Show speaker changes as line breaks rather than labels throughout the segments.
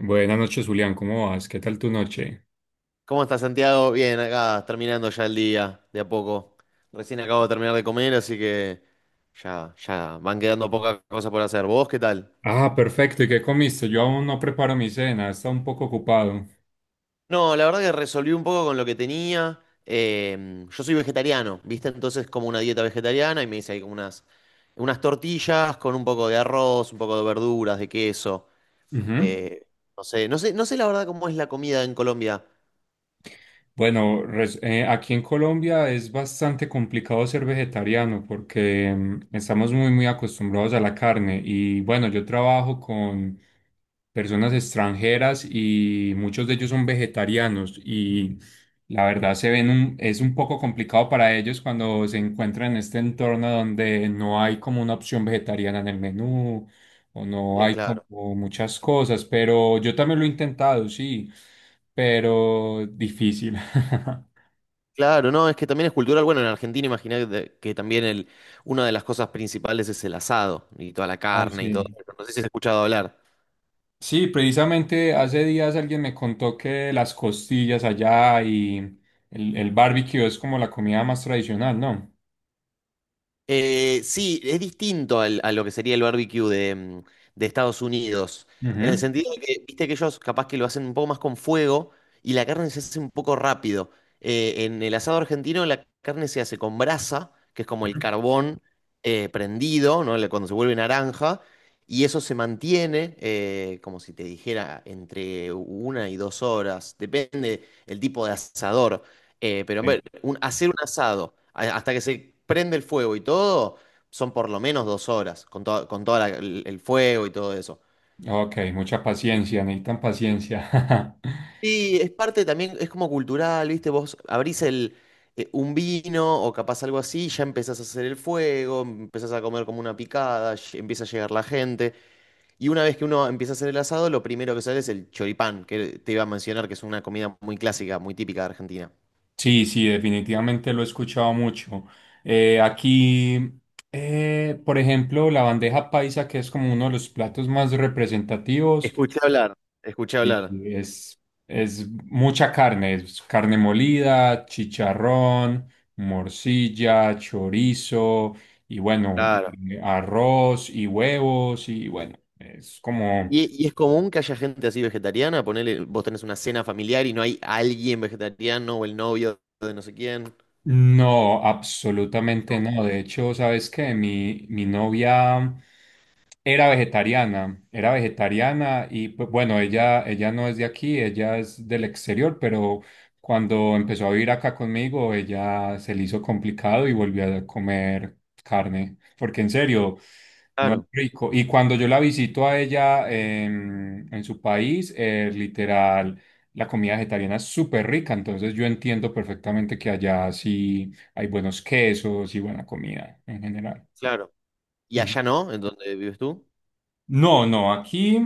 Buenas noches, Julián, ¿cómo vas? ¿Qué tal tu noche?
¿Cómo estás, Santiago? Bien, acá terminando ya el día, de a poco. Recién acabo de terminar de comer, así que ya van quedando pocas cosas por hacer. ¿Vos qué tal?
Ah, perfecto. ¿Y qué comiste? Yo aún no preparo mi cena, está un poco ocupado.
No, la verdad que resolví un poco con lo que tenía. Yo soy vegetariano, ¿viste? Entonces como una dieta vegetariana y me hice ahí como unas tortillas con un poco de arroz, un poco de verduras, de queso.
Ujú.
Eh, no sé la verdad cómo es la comida en Colombia.
Bueno, aquí en Colombia es bastante complicado ser vegetariano porque estamos muy, muy acostumbrados a la carne. Y bueno, yo trabajo con personas extranjeras y muchos de ellos son vegetarianos y la verdad se ven es un poco complicado para ellos cuando se encuentran en este entorno donde no hay como una opción vegetariana en el menú o no
Eh,
hay
claro.
como muchas cosas, pero yo también lo he intentado, sí, pero difícil.
Claro, no, es que también es cultural. Bueno, en Argentina imaginé que también una de las cosas principales es el asado y toda la
Ah,
carne y todo.
sí.
No sé si has escuchado hablar.
Sí, precisamente hace días alguien me contó que las costillas allá y el barbecue es como la comida más tradicional, ¿no?
Sí, es distinto a lo que sería el barbecue de Estados Unidos, en el
Ujú.
sentido de que, viste que ellos capaz que lo hacen un poco más con fuego y la carne se hace un poco rápido. En el asado argentino la carne se hace con brasa, que es como el
Ujú.
carbón prendido, ¿no? Cuando se vuelve naranja, y eso se mantiene, como si te dijera, entre 1 y 2 horas, depende el tipo de asador. Eh, pero en
Sí.
ver, un- hacer un asado hasta que se prende el fuego y todo, son por lo menos 2 horas con todo el fuego y todo eso.
Ok, mucha paciencia, necesitan paciencia.
Y es parte también, es como cultural, ¿viste? Vos abrís un vino o capaz algo así, ya empezás a hacer el fuego, empezás a comer como una picada, empieza a llegar la gente. Y una vez que uno empieza a hacer el asado, lo primero que sale es el choripán, que te iba a mencionar, que es una comida muy clásica, muy típica de Argentina.
Sí, sí, definitivamente lo he escuchado mucho. Aquí, por ejemplo, la bandeja paisa, que es como uno de los platos más representativos,
Escuché hablar, escuché hablar.
y es, es mucha carne, es carne molida, chicharrón, morcilla, chorizo, y bueno,
Claro.
arroz y huevos, y bueno, es como...
¿Y es común que haya gente así vegetariana? Ponele, vos tenés una cena familiar y no hay alguien vegetariano o el novio de no sé quién.
No, absolutamente
No,
no. De hecho, ¿sabes qué? Mi novia, era vegetariana y pues, bueno, ella no es de aquí, ella es del exterior, pero cuando empezó a vivir acá conmigo, ella se le hizo complicado y volvió a comer carne, porque en serio, no es
claro,
rico. Y cuando yo la visito a ella en su país, literal, la comida vegetariana es súper rica, entonces yo entiendo perfectamente que allá sí hay buenos quesos y buena comida en general.
claro. ¿Y allá no? ¿En donde vives tú?
No, no, aquí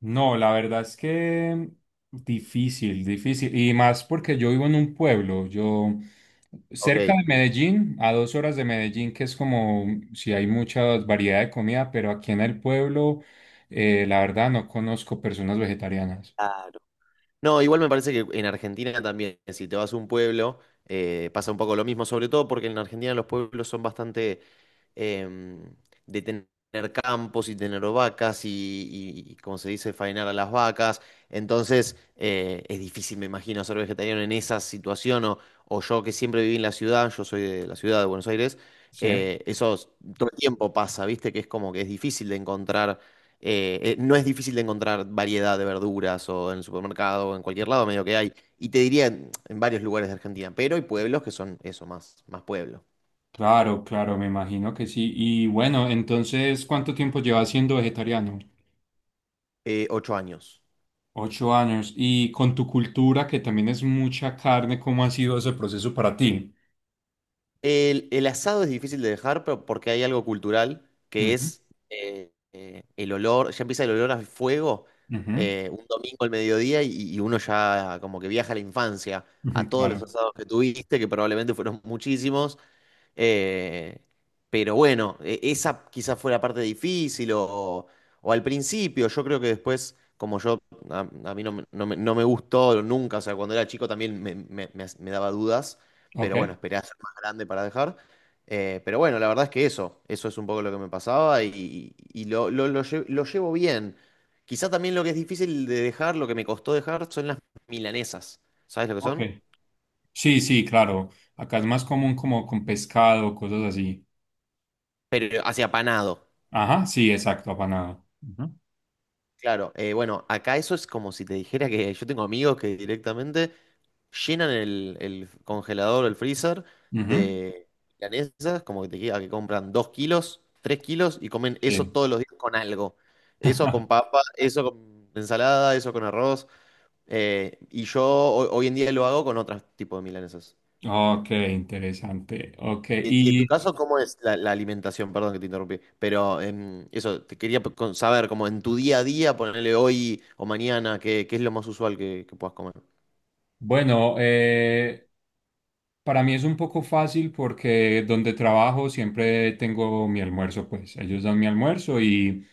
no, la verdad es que difícil, difícil. Y más porque yo vivo en un pueblo, yo
Ok,
cerca de Medellín, a 2 horas de Medellín, que es como si hay mucha variedad de comida, pero aquí en el pueblo, la verdad no conozco personas vegetarianas.
claro. No, igual me parece que en Argentina también, si te vas a un pueblo, pasa un poco lo mismo, sobre todo porque en Argentina los pueblos son bastante em, de tener campos y tener vacas y, como se dice, faenar a las vacas. Entonces, es difícil, me imagino, ser vegetariano en esa situación o yo que siempre viví en la ciudad, yo soy de la ciudad de Buenos Aires,
Sí.
eh, eso es- todo el tiempo pasa, ¿viste? Que es como que es difícil de encontrar. No es difícil de encontrar variedad de verduras o en el supermercado o en cualquier lado, medio que hay. Y te diría en varios lugares de Argentina, pero hay pueblos que son eso, más, más pueblo.
Claro, claro, me imagino que sí. Y bueno, entonces, ¿cuánto tiempo llevas siendo vegetariano?
8 años.
8 años. Y con tu cultura, que también es mucha carne, ¿cómo ha sido ese proceso para ti?
El asado es difícil de dejar, pero porque hay algo cultural que
Ujú,
es el olor, ya empieza el olor a fuego
ujú,
un domingo al mediodía y uno ya como que viaja a la infancia,
ujú,
a todos los
claro.
asados que tuviste, que probablemente fueron muchísimos, eh, pero bueno, esa quizás fue la parte difícil o, al principio. Yo creo que después, como yo, a, a mí no no me gustó nunca, o sea, cuando era chico también me daba dudas,
Ok,
pero bueno, esperé a ser más grande para dejar. Pero bueno, la verdad es que eso es un poco lo que me pasaba y lo llevo bien. Quizá también lo que es difícil de dejar, lo que me costó dejar, son las milanesas. ¿Sabes lo que
ok.
son?
Sí, sí, claro. Acá es más común como con pescado, cosas así.
Pero hacia panado.
Ajá, sí, exacto, apanado. Ujú,
Claro, bueno, acá eso es como si te dijera que yo tengo amigos que directamente llenan el congelador o el freezer
ujú,
de milanesas, como que te queda que compran 2 kilos, 3 kilos y comen eso
sí.
todos los días con algo. Eso con papa, eso con ensalada, eso con arroz. Y yo hoy en día lo hago con otros tipos de milanesas.
Ok, interesante. Ok,
Y en tu
y
caso, ¿cómo es la alimentación? Perdón que te interrumpí, pero eso, te quería saber, como en tu día a día, ponerle hoy o mañana, ¿Qué es lo más usual que puedas comer?
bueno, para mí es un poco fácil porque donde trabajo siempre tengo mi almuerzo, pues ellos dan mi almuerzo y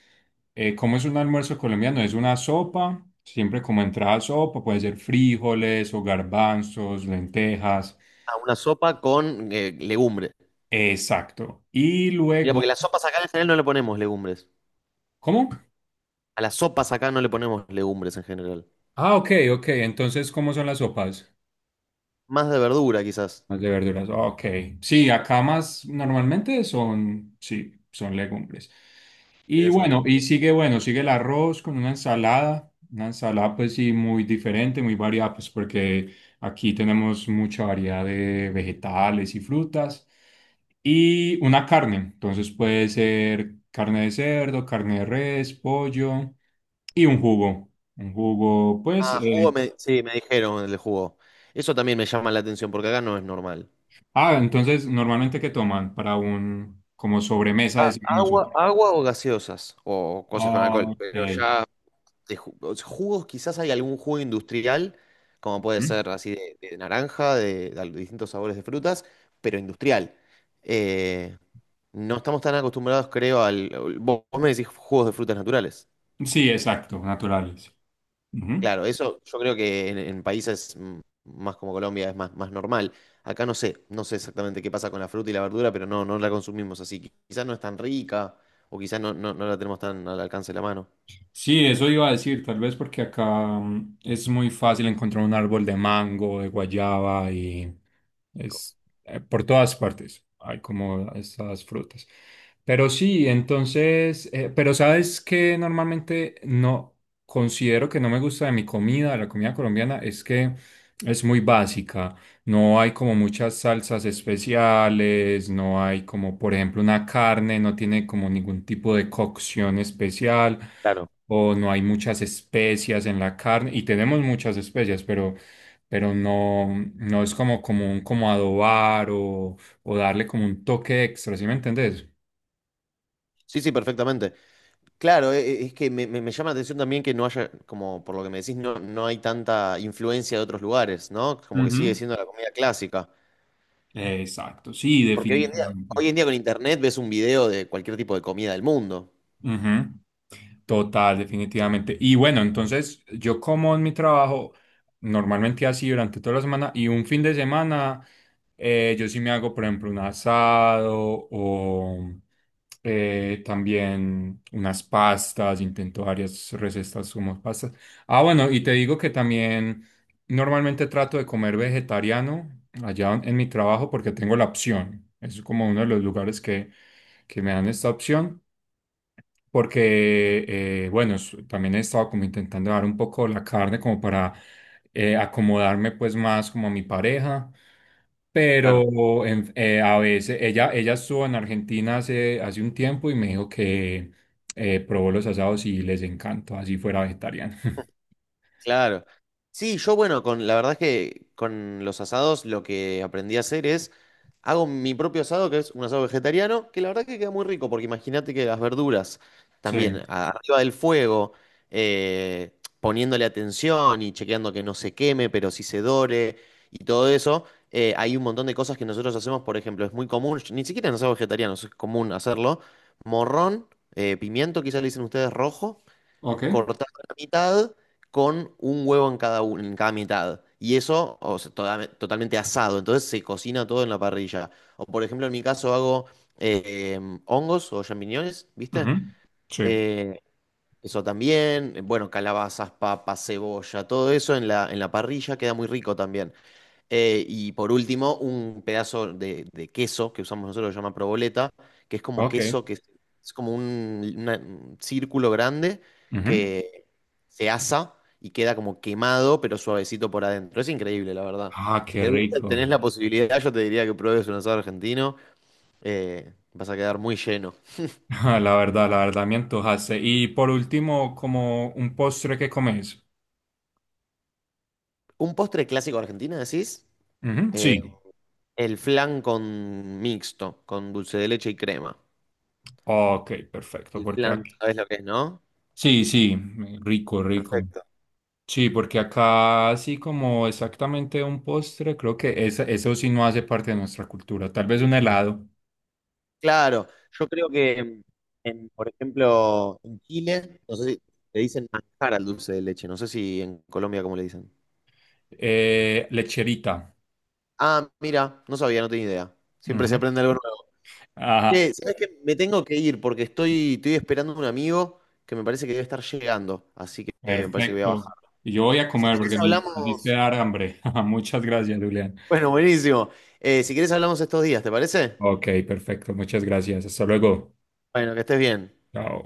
como es un almuerzo colombiano, es una sopa, siempre como entrada sopa, puede ser frijoles o garbanzos, lentejas,
Ah, una sopa con legumbres.
exacto. Y
Mira, porque
luego,
las sopas acá en general no le ponemos legumbres.
¿cómo?
A las sopas acá no le ponemos legumbres en general.
Ah, ok, ok, entonces, ¿cómo son las sopas?
Más de verdura, quizás.
Más de verduras. Ok. Sí, acá más normalmente son, sí, son legumbres. Y bueno,
Interesante.
y sigue, bueno, sigue el arroz con una ensalada. Una ensalada, pues sí, muy diferente, muy variada, pues porque aquí tenemos mucha variedad de vegetales y frutas. Y una carne. Entonces puede ser carne de cerdo, carne de res, pollo y un jugo. Un jugo, pues.
Ah, jugo, sí, me dijeron el jugo. Eso también me llama la atención, porque acá no es normal.
Ah, entonces, ¿normalmente qué toman para un, como sobremesa,
A-
decimos
agua,
nosotros?
agua o gaseosas, o cosas con alcohol,
Ok.
pero ya. O sea, jugos, quizás hay algún jugo industrial, como puede
¿Mm?
ser así de naranja, distintos sabores de frutas, pero industrial. Eh, no estamos tan acostumbrados, creo, Vos me decís jugos de frutas naturales.
Sí, exacto, naturales. Ujú.
Claro, eso yo creo que en países más como Colombia es más, más normal. Acá no sé exactamente qué pasa con la fruta y la verdura, pero no la consumimos así. Quizás no es tan rica o quizás no la tenemos tan al alcance de la mano.
Sí, eso iba a decir, tal vez porque acá es muy fácil encontrar un árbol de mango, de guayaba y es por todas partes hay como estas frutas. Pero sí, entonces, pero sabes que normalmente no considero que no me gusta de mi comida, de la comida colombiana, es que es muy básica. No hay como muchas salsas especiales, no hay como, por ejemplo, una carne, no tiene como ningún tipo de cocción especial
Claro.
o no hay muchas especias en la carne, y tenemos muchas especias pero no es como común como adobar o darle como un toque extra, ¿sí me entendés?
Sí, sí, perfectamente. Claro, es que me llama la atención también que no haya, como por lo que me decís, no hay tanta influencia de otros lugares, ¿no? Como que sigue
Ujú.
siendo la comida clásica.
Exacto, sí,
Porque hoy en día,
definitivamente.
hoy en día con internet ves un video de cualquier tipo de comida del mundo.
Ujú. Total, definitivamente. Y bueno, entonces yo como en mi trabajo normalmente así durante toda la semana y un fin de semana yo sí me hago, por ejemplo, un asado o también unas pastas, intento varias recetas como pastas. Ah, bueno, y te digo que también normalmente trato de comer vegetariano allá en mi trabajo porque tengo la opción. Es como uno de los lugares que me dan esta opción porque, también he estado como intentando dar un poco la carne como para acomodarme pues más como a mi pareja,
Claro.
pero a veces ella estuvo en Argentina hace un tiempo y me dijo que probó los asados y les encantó, así fuera vegetariana.
Claro. Sí, yo bueno, con la verdad es que con los asados lo que aprendí a hacer es hago mi propio asado, que es un asado vegetariano, que la verdad que queda muy rico, porque imagínate que las verduras
Sí.
también arriba del fuego, eh, poniéndole atención y chequeando que no se queme, pero sí se dore y todo eso, hay un montón de cosas que nosotros hacemos, por ejemplo, es muy común, ni siquiera en asados vegetarianos es común hacerlo, morrón, pimiento, quizá le dicen ustedes rojo
Ok.
cortado a la mitad con un huevo en cada, en cada mitad. Y eso, o sea, totalmente asado. Entonces se cocina todo en la parrilla. O por ejemplo, en mi caso hago eh, hongos o champiñones, ¿viste?
Ujú, sí,
Eh, eso también. Bueno, calabazas, papas, cebolla, todo eso en la parrilla queda muy rico también. Y por último, un pedazo de queso que usamos nosotros, que se llama proboleta, que es como queso,
ok.
que es como un círculo grande
Ujú.
que se asa y queda como quemado, pero suavecito por adentro. Es increíble, la verdad.
Ah,
Si
qué
algún día
rico.
tenés la posibilidad, yo te diría que pruebes un asado argentino, vas a quedar muy lleno.
La verdad me antojaste. Y por último, como un postre que comes.
¿Un postre clásico argentino, decís?
Ujú, sí,
Eh, el flan con mixto, con dulce de leche y crema.
ok, perfecto,
El
porque
flan,
aquí...
¿sabes lo que es, no?
Sí, sí, rico, rico.
Perfecto.
Sí, porque acá así como exactamente un postre, creo que eso sí no hace parte de nuestra cultura. Tal vez un helado.
Claro, yo creo que, en, por ejemplo, en Chile, no sé si le dicen manjar al dulce de leche, no sé si en Colombia cómo le dicen.
Lecherita.
Ah, mira, no sabía, no tenía idea. Siempre se
Ujú.
aprende algo nuevo.
Ajá,
Che, ¿sabes qué? Me tengo que ir porque estoy esperando a un amigo que me parece que debe estar llegando, así que me parece que voy a bajar.
perfecto. Y yo voy a
Si
comer
querés
porque me hiciste
hablamos.
dar hambre. Muchas gracias, Julián.
Bueno, buenísimo. Si querés hablamos estos días, ¿te parece?
Ok, perfecto, muchas gracias. Hasta luego.
Bueno, que estés bien.
Chao.